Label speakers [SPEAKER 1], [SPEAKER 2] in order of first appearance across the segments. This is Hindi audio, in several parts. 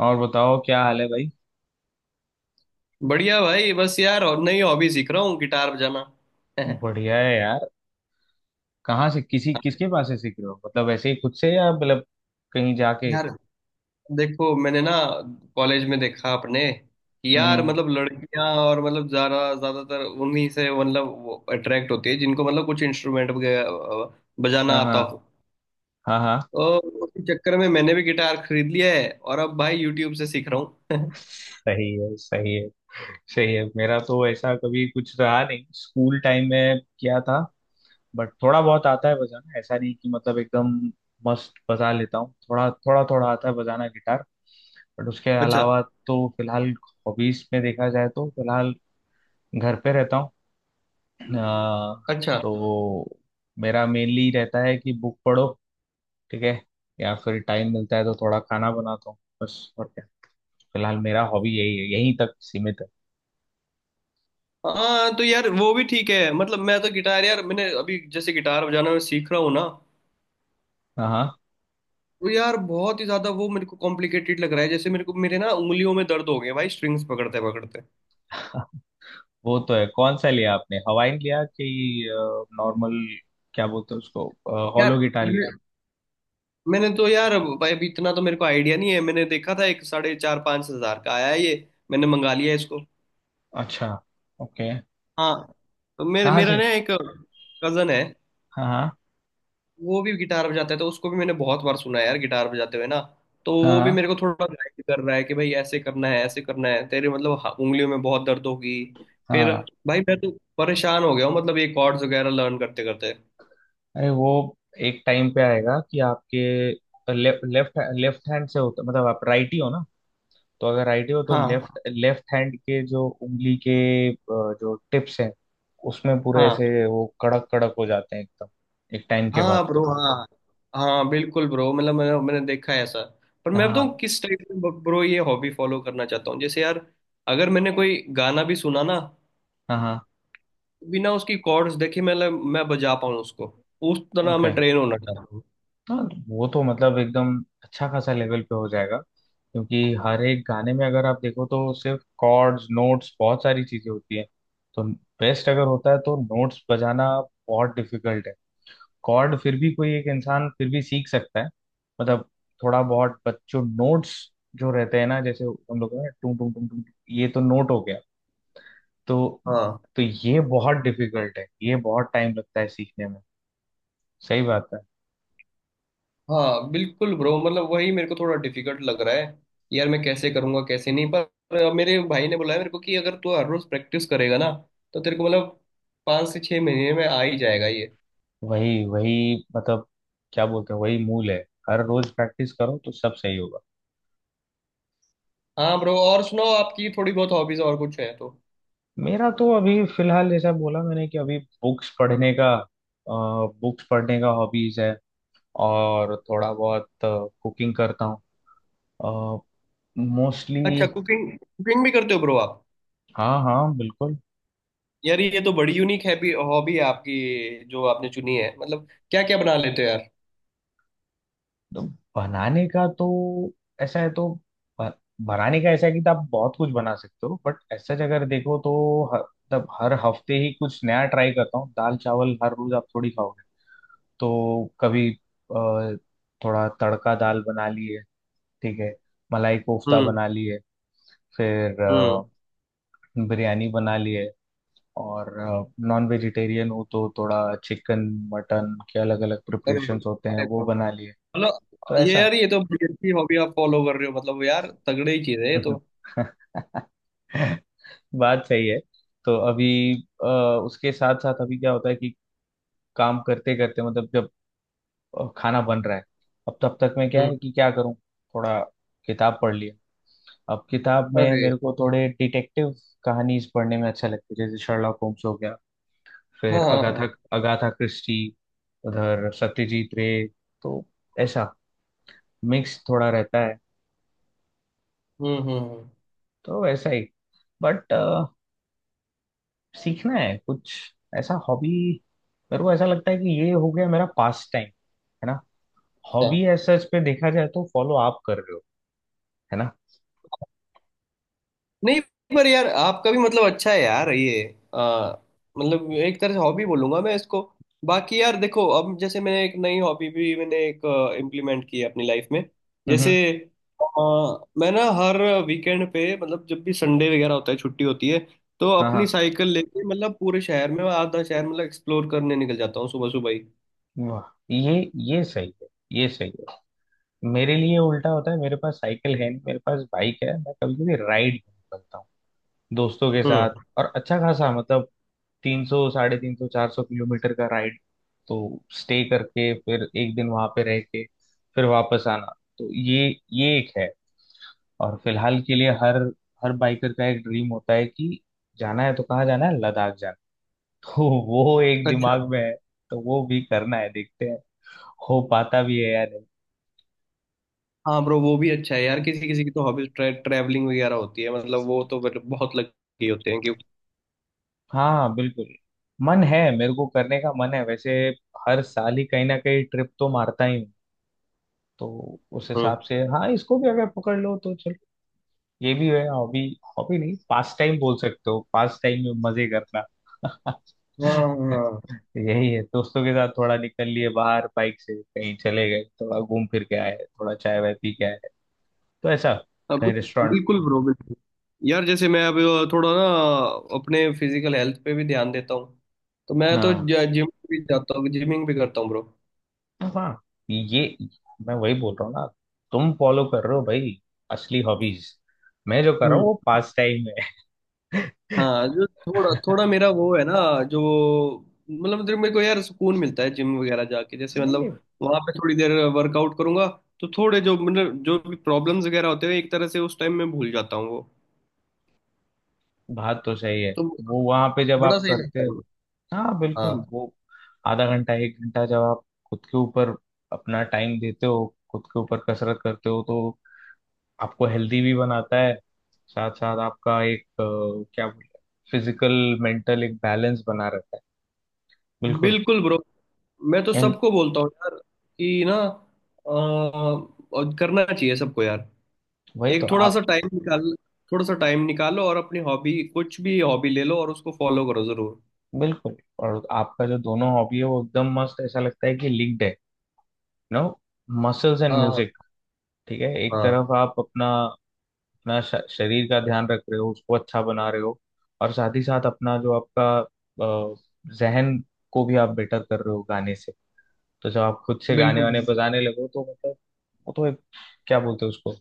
[SPEAKER 1] और बताओ क्या हाल है भाई।
[SPEAKER 2] बढ़िया भाई, बस यार। और नई हॉबी सीख रहा हूँ, गिटार बजाना।
[SPEAKER 1] बढ़िया है यार। कहाँ से किसी किसके पास से सीख रहे हो, मतलब ऐसे ही खुद से या मतलब कहीं जाके।
[SPEAKER 2] यार देखो, मैंने ना कॉलेज में देखा अपने कि यार
[SPEAKER 1] हम्म।
[SPEAKER 2] मतलब लड़कियां और मतलब ज्यादा ज्यादातर उन्हीं से मतलब अट्रैक्ट होती है जिनको मतलब कुछ इंस्ट्रूमेंट बजाना
[SPEAKER 1] हाँ
[SPEAKER 2] आता
[SPEAKER 1] हाँ।
[SPEAKER 2] हो।
[SPEAKER 1] हाँ हाँ।
[SPEAKER 2] तो उसी चक्कर में मैंने भी गिटार खरीद लिया है और अब भाई यूट्यूब से सीख रहा हूँ।
[SPEAKER 1] सही है सही है। सही है। मेरा तो ऐसा कभी कुछ रहा नहीं, स्कूल टाइम में किया था। बट थोड़ा बहुत आता है बजाना, ऐसा नहीं कि मतलब एकदम मस्त बजा लेता हूँ। थोड़ा थोड़ा थोड़ा आता है बजाना गिटार। बट उसके
[SPEAKER 2] अच्छा।
[SPEAKER 1] अलावा, तो फिलहाल हॉबीज में देखा जाए तो फिलहाल घर पे रहता हूँ। अ,
[SPEAKER 2] अच्छा,
[SPEAKER 1] तो मेरा मेनली रहता है कि बुक पढ़ो। ठीक है। या फिर टाइम मिलता है तो थोड़ा खाना बनाता हूँ, बस और क्या। फिलहाल मेरा हॉबी यही है, यहीं तक सीमित है।
[SPEAKER 2] हाँ। तो यार वो भी ठीक है, मतलब मैं तो गिटार, यार मैंने अभी, जैसे गिटार बजाना मैं सीख रहा हूँ ना,
[SPEAKER 1] हाँ हाँ।
[SPEAKER 2] वो यार बहुत ही ज्यादा वो मेरे को कॉम्प्लिकेटेड लग रहा है। जैसे मेरे को मेरे ना उंगलियों में दर्द हो गए भाई, स्ट्रिंग्स पकड़ते पकड़ते।
[SPEAKER 1] वो तो है, कौन सा लिया आपने, हवाइन लिया कि नॉर्मल, क्या बोलते हैं उसको, हॉलो
[SPEAKER 2] यार
[SPEAKER 1] गिटार लिया।
[SPEAKER 2] मैंने मैंने तो यार भाई अभी इतना तो मेरे को आइडिया नहीं है। मैंने देखा था, एक साढ़े चार पाँच हजार का आया है ये, मैंने मंगा लिया इसको।
[SPEAKER 1] अच्छा। ओके।
[SPEAKER 2] हाँ, तो मेरे
[SPEAKER 1] कहाँ
[SPEAKER 2] मेरा
[SPEAKER 1] से।
[SPEAKER 2] ना एक कजन है,
[SPEAKER 1] हाँ हाँ।
[SPEAKER 2] वो भी गिटार बजाता है। तो उसको भी मैंने बहुत बार सुना है यार गिटार बजाते हुए ना। तो वो भी
[SPEAKER 1] हाँ
[SPEAKER 2] मेरे को थोड़ा गाइड कर रहा है कि भाई ऐसे करना है, ऐसे करना है, तेरे मतलब उंगलियों में बहुत दर्द होगी।
[SPEAKER 1] हाँ।
[SPEAKER 2] फिर
[SPEAKER 1] हाँ।
[SPEAKER 2] भाई मैं तो परेशान हो गया हूँ, मतलब ये कॉर्ड्स वगैरह लर्न करते करते।
[SPEAKER 1] अरे, वो एक टाइम पे आएगा कि आपके लेफ्ट लेफ्ट लेफ्ट हैंड से होता, मतलब आप राइट ही हो ना। तो अगर आइडिया हो तो लेफ्ट
[SPEAKER 2] हाँ।
[SPEAKER 1] लेफ्ट हैंड के जो उंगली के अ, जो टिप्स हैं उसमें पूरे
[SPEAKER 2] हाँ।
[SPEAKER 1] ऐसे वो कड़क कड़क हो जाते हैं एकदम, एक टाइम के
[SPEAKER 2] हाँ
[SPEAKER 1] बाद
[SPEAKER 2] ब्रो,
[SPEAKER 1] तो।
[SPEAKER 2] हाँ। हाँ बिल्कुल ब्रो, मतलब मैंने मैंने देखा है ऐसा। पर मैं बताऊँ
[SPEAKER 1] हाँ
[SPEAKER 2] किस टाइप में ब्रो ये हॉबी फॉलो करना चाहता हूँ। जैसे यार अगर मैंने कोई गाना भी सुना ना,
[SPEAKER 1] हाँ हाँ।
[SPEAKER 2] तो बिना उसकी कॉर्ड्स देखे मैं बजा पाऊँ उसको। उस तरह
[SPEAKER 1] ओके।
[SPEAKER 2] मैं ट्रेन होना चाहता हूँ।
[SPEAKER 1] हाँ वो तो मतलब एकदम अच्छा खासा लेवल पे हो जाएगा, क्योंकि हर एक गाने में अगर आप देखो तो सिर्फ कॉर्ड्स नोट्स, बहुत सारी चीजें होती हैं। तो बेस्ट अगर होता है तो नोट्स बजाना, बहुत डिफिकल्ट है। कॉर्ड फिर भी कोई एक इंसान फिर भी सीख सकता है, मतलब थोड़ा बहुत। बच्चों नोट्स जो रहते हैं ना, जैसे हम लोग का टू टू टू टू, ये तो नोट हो गया। तो
[SPEAKER 2] हाँ।
[SPEAKER 1] तो ये बहुत डिफिकल्ट है, ये बहुत टाइम लगता है सीखने में। सही बात है।
[SPEAKER 2] हाँ बिल्कुल ब्रो, मतलब वही मेरे को थोड़ा डिफिकल्ट लग रहा है। यार मैं कैसे करूँगा कैसे नहीं, पर पर मेरे भाई ने बोला है मेरे को कि अगर तू हर रोज प्रैक्टिस करेगा ना, तो तेरे को मतलब पाँच से छह महीने में आ ही जाएगा ये।
[SPEAKER 1] वही वही, मतलब क्या बोलते हैं, वही मूल है। हर रोज प्रैक्टिस करो तो सब सही होगा।
[SPEAKER 2] हाँ ब्रो, और सुनाओ, आपकी थोड़ी बहुत हॉबीज और कुछ है तो।
[SPEAKER 1] मेरा तो अभी फिलहाल जैसा बोला मैंने कि अभी बुक्स पढ़ने का बुक्स पढ़ने का हॉबीज है। और थोड़ा बहुत कुकिंग करता हूँ,
[SPEAKER 2] अच्छा,
[SPEAKER 1] मोस्टली।
[SPEAKER 2] कुकिंग कुकिंग भी करते हो ब्रो आप।
[SPEAKER 1] हाँ हाँ बिल्कुल।
[SPEAKER 2] यार ये तो बड़ी यूनिक हैबी हॉबी है आपकी, जो आपने चुनी है। मतलब क्या क्या बना लेते हो यार।
[SPEAKER 1] तो बनाने का तो ऐसा है, तो ब- बनाने का ऐसा है कि तो आप बहुत कुछ बना सकते हो, बट ऐसा अगर देखो तो हर हर हफ्ते ही कुछ नया ट्राई करता हूँ। दाल चावल हर रोज आप थोड़ी खाओगे। तो कभी थोड़ा तड़का दाल बना ली है। ठीक है। मलाई कोफ्ता
[SPEAKER 2] हम्म।
[SPEAKER 1] बना ली है। फिर
[SPEAKER 2] हम्म।
[SPEAKER 1] बिरयानी बना ली है। और नॉन वेजिटेरियन हो तो थोड़ा चिकन मटन के अलग अलग
[SPEAKER 2] अरे
[SPEAKER 1] प्रिपरेशंस होते हैं,
[SPEAKER 2] अरे
[SPEAKER 1] वो
[SPEAKER 2] bro,
[SPEAKER 1] बना लिए।
[SPEAKER 2] मतलब
[SPEAKER 1] तो
[SPEAKER 2] ये
[SPEAKER 1] ऐसा।
[SPEAKER 2] यार ये तो बड़ी अच्छी हॉबी आप फॉलो कर रहे हो। मतलब यार तगड़े ही चीज है ये तो।
[SPEAKER 1] बात सही है। तो अभी अ, उसके साथ साथ अभी क्या होता है कि काम करते करते, मतलब जब खाना बन रहा है, अब तब तक मैं क्या है
[SPEAKER 2] हम्म।
[SPEAKER 1] कि क्या करूं, थोड़ा किताब पढ़ लिया। अब किताब में
[SPEAKER 2] अरे
[SPEAKER 1] मेरे को थोड़े डिटेक्टिव कहानीज पढ़ने में अच्छा लगता है, जैसे शर्लॉक होम्स हो गया, फिर
[SPEAKER 2] हाँ
[SPEAKER 1] अगाथा
[SPEAKER 2] हाँ।
[SPEAKER 1] अगाथा क्रिस्टी, उधर सत्यजीत रे। तो ऐसा मिक्स थोड़ा रहता है।
[SPEAKER 2] हम्म।
[SPEAKER 1] तो ऐसा ही, बट सीखना है कुछ ऐसा हॉबी। मेरे को ऐसा लगता है कि ये हो गया, मेरा पास टाइम है ना,
[SPEAKER 2] अच्छा।
[SPEAKER 1] हॉबी ऐसा, इस पे देखा जाए तो फॉलो आप कर रहे हो, है ना।
[SPEAKER 2] नहीं, पर यार आपका भी मतलब अच्छा है यार ये। आ, मतलब एक तरह से हॉबी बोलूंगा मैं इसको। बाकी यार देखो, अब जैसे मैंने एक नई हॉबी भी मैंने एक इम्प्लीमेंट की है अपनी लाइफ में। जैसे
[SPEAKER 1] हम्म।
[SPEAKER 2] मैं ना हर वीकेंड पे, मतलब जब भी संडे वगैरह होता है, छुट्टी होती है, तो
[SPEAKER 1] हाँ
[SPEAKER 2] अपनी
[SPEAKER 1] हाँ
[SPEAKER 2] साइकिल लेके मतलब पूरे शहर में, मैं आधा शहर मतलब एक्सप्लोर करने निकल जाता हूँ, सुबह सुबह ही।
[SPEAKER 1] वाह। ये सही है। ये सही है। मेरे लिए उल्टा होता है, मेरे पास साइकिल है नहीं, मेरे पास बाइक है, मैं कभी कभी राइड करता हूँ दोस्तों के
[SPEAKER 2] हम्म।
[SPEAKER 1] साथ। और अच्छा खासा मतलब 300 350 400 किलोमीटर का राइड, तो स्टे करके फिर एक दिन वहां पे रह के फिर वापस आना। तो ये एक है। और फिलहाल के लिए हर हर बाइकर का एक ड्रीम होता है कि जाना है तो कहाँ जाना है, लद्दाख जाना है। तो वो एक
[SPEAKER 2] अच्छा।
[SPEAKER 1] दिमाग में है। तो वो भी करना है, देखते हैं हो पाता भी है या नहीं।
[SPEAKER 2] हाँ ब्रो, वो भी अच्छा है यार। किसी किसी की तो हॉबी ट्रैवलिंग वगैरह होती है, मतलब वो तो मतलब बहुत लगे होते हैं।
[SPEAKER 1] हाँ बिल्कुल। मन है, मेरे को करने का मन है वैसे। हर साल ही कहीं ना कहीं ट्रिप तो मारता ही हूँ। तो उस
[SPEAKER 2] क्यों।
[SPEAKER 1] हिसाब से हाँ, इसको भी अगर पकड़ लो तो चलो, ये भी है हॉबी। हॉबी नहीं, पास टाइम बोल सकते हो, पास टाइम में मजे करना।
[SPEAKER 2] हाँ हाँ।
[SPEAKER 1] यही है, दोस्तों के साथ थोड़ा निकल लिए बाहर, बाइक से कहीं चले गए, थोड़ा घूम फिर के आए, थोड़ा चाय वाय पी के आए, तो ऐसा,
[SPEAKER 2] अब
[SPEAKER 1] कहीं रेस्टोरेंट
[SPEAKER 2] बिल्कुल ब्रो, बिल्कुल। यार जैसे मैं अभी थोड़ा ना अपने फिजिकल हेल्थ पे भी ध्यान देता हूँ। तो मैं
[SPEAKER 1] ना।
[SPEAKER 2] तो जिम भी जाता हूँ, जिमिंग भी करता हूँ ब्रो।
[SPEAKER 1] तो हाँ ये मैं वही बोल रहा हूँ ना, तुम फॉलो कर रहे हो भाई असली हॉबीज, मैं जो कर रहा हूँ
[SPEAKER 2] हम्म।
[SPEAKER 1] वो पास टाइम है।
[SPEAKER 2] हाँ, जो थोड़ा थोड़ा मेरा वो है ना, जो मतलब जो मेरे को यार सुकून मिलता है जिम वगैरह जाके। जैसे
[SPEAKER 1] नहीं
[SPEAKER 2] मतलब
[SPEAKER 1] नहीं,
[SPEAKER 2] वहां पे थोड़ी देर वर्कआउट करूंगा, तो थोड़े जो मतलब जो भी प्रॉब्लम्स वगैरह होते हैं, एक तरह से उस टाइम में भूल जाता हूँ वो।
[SPEAKER 1] बात तो सही है।
[SPEAKER 2] तो
[SPEAKER 1] वो वहां पे जब
[SPEAKER 2] बड़ा
[SPEAKER 1] आप
[SPEAKER 2] सही
[SPEAKER 1] करते,
[SPEAKER 2] लगता है।
[SPEAKER 1] हाँ
[SPEAKER 2] हाँ
[SPEAKER 1] बिल्कुल, वो आधा घंटा एक घंटा जब आप खुद के ऊपर अपना टाइम देते हो, खुद के ऊपर कसरत करते हो तो आपको हेल्दी भी बनाता है, साथ साथ आपका एक क्या बोलते हैं, फिजिकल मेंटल एक बैलेंस बना रहता है। बिल्कुल,
[SPEAKER 2] बिल्कुल ब्रो। मैं तो
[SPEAKER 1] एंड
[SPEAKER 2] सबको बोलता हूँ यार कि ना और करना चाहिए सबको यार।
[SPEAKER 1] वही तो
[SPEAKER 2] एक थोड़ा
[SPEAKER 1] आप।
[SPEAKER 2] सा टाइम निकाल, थोड़ा सा टाइम निकालो और अपनी हॉबी, कुछ भी हॉबी ले लो और उसको फॉलो करो जरूर।
[SPEAKER 1] बिल्कुल, और आपका जो दोनों हॉबी है वो एकदम मस्त, ऐसा लगता है कि लिंक्ड है, नो, मसल्स एंड
[SPEAKER 2] हाँ हाँ
[SPEAKER 1] म्यूजिक। ठीक है, एक
[SPEAKER 2] हाँ।
[SPEAKER 1] तरफ आप अपना अपना श- शरीर का ध्यान रख रहे हो, उसको अच्छा बना रहे हो। और साथ ही साथ अपना जो आपका अ, जहन को भी आप बेटर कर रहे हो गाने से, तो जब आप खुद से गाने
[SPEAKER 2] बिल्कुल
[SPEAKER 1] वाने
[SPEAKER 2] बिल्कुल।
[SPEAKER 1] बजाने लगो तो मतलब वो तो एक, क्या बोलते हैं उसको,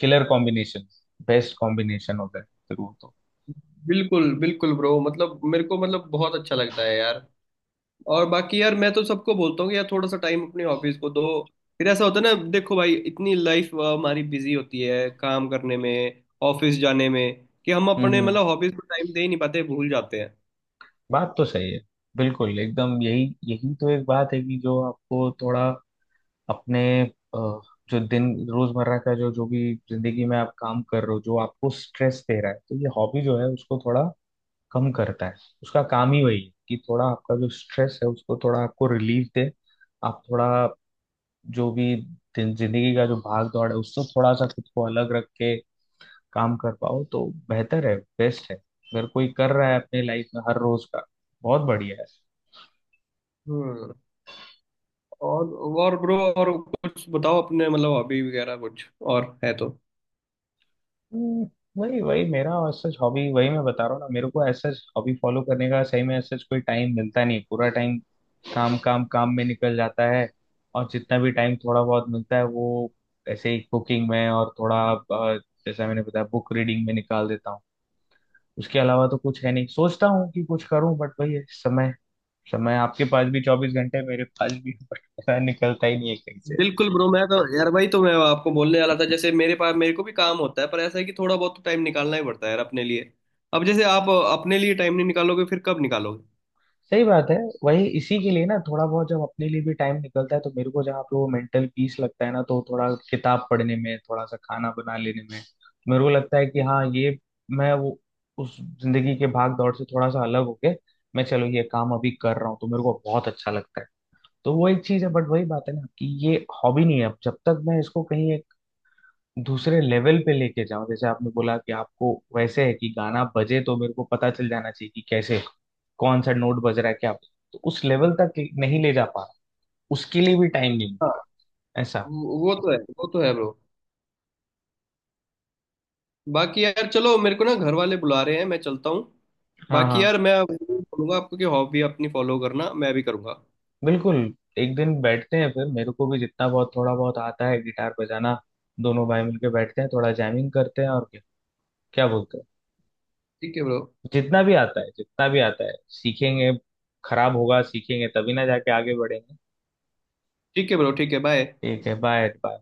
[SPEAKER 1] किलर कॉम्बिनेशन, बेस्ट कॉम्बिनेशन होता है फिर वो तो।
[SPEAKER 2] बिल्कुल बिल्कुल ब्रो, मतलब मेरे को मतलब बहुत अच्छा लगता है यार। और बाकी यार मैं तो सबको बोलता हूँ कि यार थोड़ा सा टाइम अपनी हॉबीज को दो। फिर ऐसा होता है ना, देखो भाई, इतनी लाइफ हमारी बिजी होती है काम करने में, ऑफिस जाने में, कि हम अपने
[SPEAKER 1] हम्म।
[SPEAKER 2] मतलब हॉबीज को टाइम दे ही नहीं पाते, भूल जाते हैं।
[SPEAKER 1] बात तो सही है। बिल्कुल एकदम, यही यही तो एक बात है कि जो आपको थोड़ा अपने जो दिन रोजमर्रा का जो जो भी जिंदगी में आप काम कर रहे हो, जो आपको स्ट्रेस दे रहा है, तो ये हॉबी जो है उसको थोड़ा कम करता है, उसका काम ही वही है कि थोड़ा आपका जो स्ट्रेस है उसको थोड़ा आपको रिलीफ दे। आप थोड़ा जो भी जिंदगी का जो भाग दौड़ है उससे थोड़ा सा खुद को अलग रख के काम कर पाओ तो बेहतर है, बेस्ट है अगर कोई कर रहा है अपने लाइफ में हर रोज का, बहुत बढ़िया है।
[SPEAKER 2] हम्म। और और ब्रो, और कुछ बताओ अपने मतलब हॉबी वगैरह कुछ और है तो।
[SPEAKER 1] हम्म, वही वही मेरा सच हॉबी, वही मैं बता रहा हूँ ना, मेरे को ऐसा हॉबी फॉलो करने का सही में ऐसा कोई टाइम मिलता नहीं, पूरा टाइम काम काम काम में निकल जाता है। और जितना भी टाइम थोड़ा बहुत मिलता है वो ऐसे ही कुकिंग में और थोड़ा जैसा मैंने बताया बुक रीडिंग में निकाल देता हूँ। उसके अलावा तो कुछ है नहीं, सोचता हूँ कि कुछ करूँ बट वही है, समय समय आपके पास भी 24 घंटे मेरे पास भी। बट पता है, निकलता ही नहीं है कहीं।
[SPEAKER 2] बिल्कुल ब्रो, मैं तो यार भाई तो मैं आपको बोलने वाला था, जैसे मेरे पास मेरे को भी काम होता है, पर ऐसा है कि थोड़ा बहुत तो टाइम निकालना ही पड़ता है यार अपने लिए। अब जैसे आप अपने लिए टाइम नहीं निकालोगे फिर कब निकालोगे।
[SPEAKER 1] सही बात है। वही इसी के लिए ना थोड़ा बहुत जब अपने लिए भी टाइम निकलता है तो मेरे को जहाँ पे वो मेंटल पीस लगता है ना, तो थोड़ा किताब पढ़ने में, थोड़ा सा खाना बना लेने में मेरे को लगता है कि हाँ ये, मैं वो उस जिंदगी के भाग दौड़ से थोड़ा सा अलग होके मैं चलो ये काम अभी कर रहा हूँ तो मेरे को बहुत अच्छा लगता है। तो वो एक चीज है, बट वही बात है ना कि ये हॉबी नहीं है, अब जब तक मैं इसको कहीं एक दूसरे लेवल पे लेके जाऊं, जैसे आपने बोला कि आपको वैसे है कि गाना बजे तो मेरे को पता चल जाना चाहिए कि कैसे कौन सा नोट बज रहा है क्या, तो उस लेवल तक नहीं ले जा पा रहा, उसके लिए भी टाइम नहीं मिल रहा ऐसा।
[SPEAKER 2] वो तो है, वो तो है ब्रो। बाकी यार चलो, मेरे को ना घर वाले बुला रहे हैं, मैं चलता हूँ।
[SPEAKER 1] हाँ
[SPEAKER 2] बाकी
[SPEAKER 1] हाँ
[SPEAKER 2] यार मैं बोलूंगा आपको कि हॉबी अपनी फॉलो करना, मैं भी करूंगा।
[SPEAKER 1] बिल्कुल। एक दिन बैठते हैं फिर, मेरे को भी जितना बहुत थोड़ा बहुत आता है गिटार बजाना, दोनों भाई मिलके बैठते हैं, थोड़ा जैमिंग करते हैं और क्या, क्या बोलते हैं।
[SPEAKER 2] ठीक है ब्रो
[SPEAKER 1] जितना भी आता है सीखेंगे, खराब होगा सीखेंगे तभी ना जाके आगे बढ़ेंगे।
[SPEAKER 2] ठीक है ब्रो ठीक है, बाय।
[SPEAKER 1] ठीक है, बाय बाय।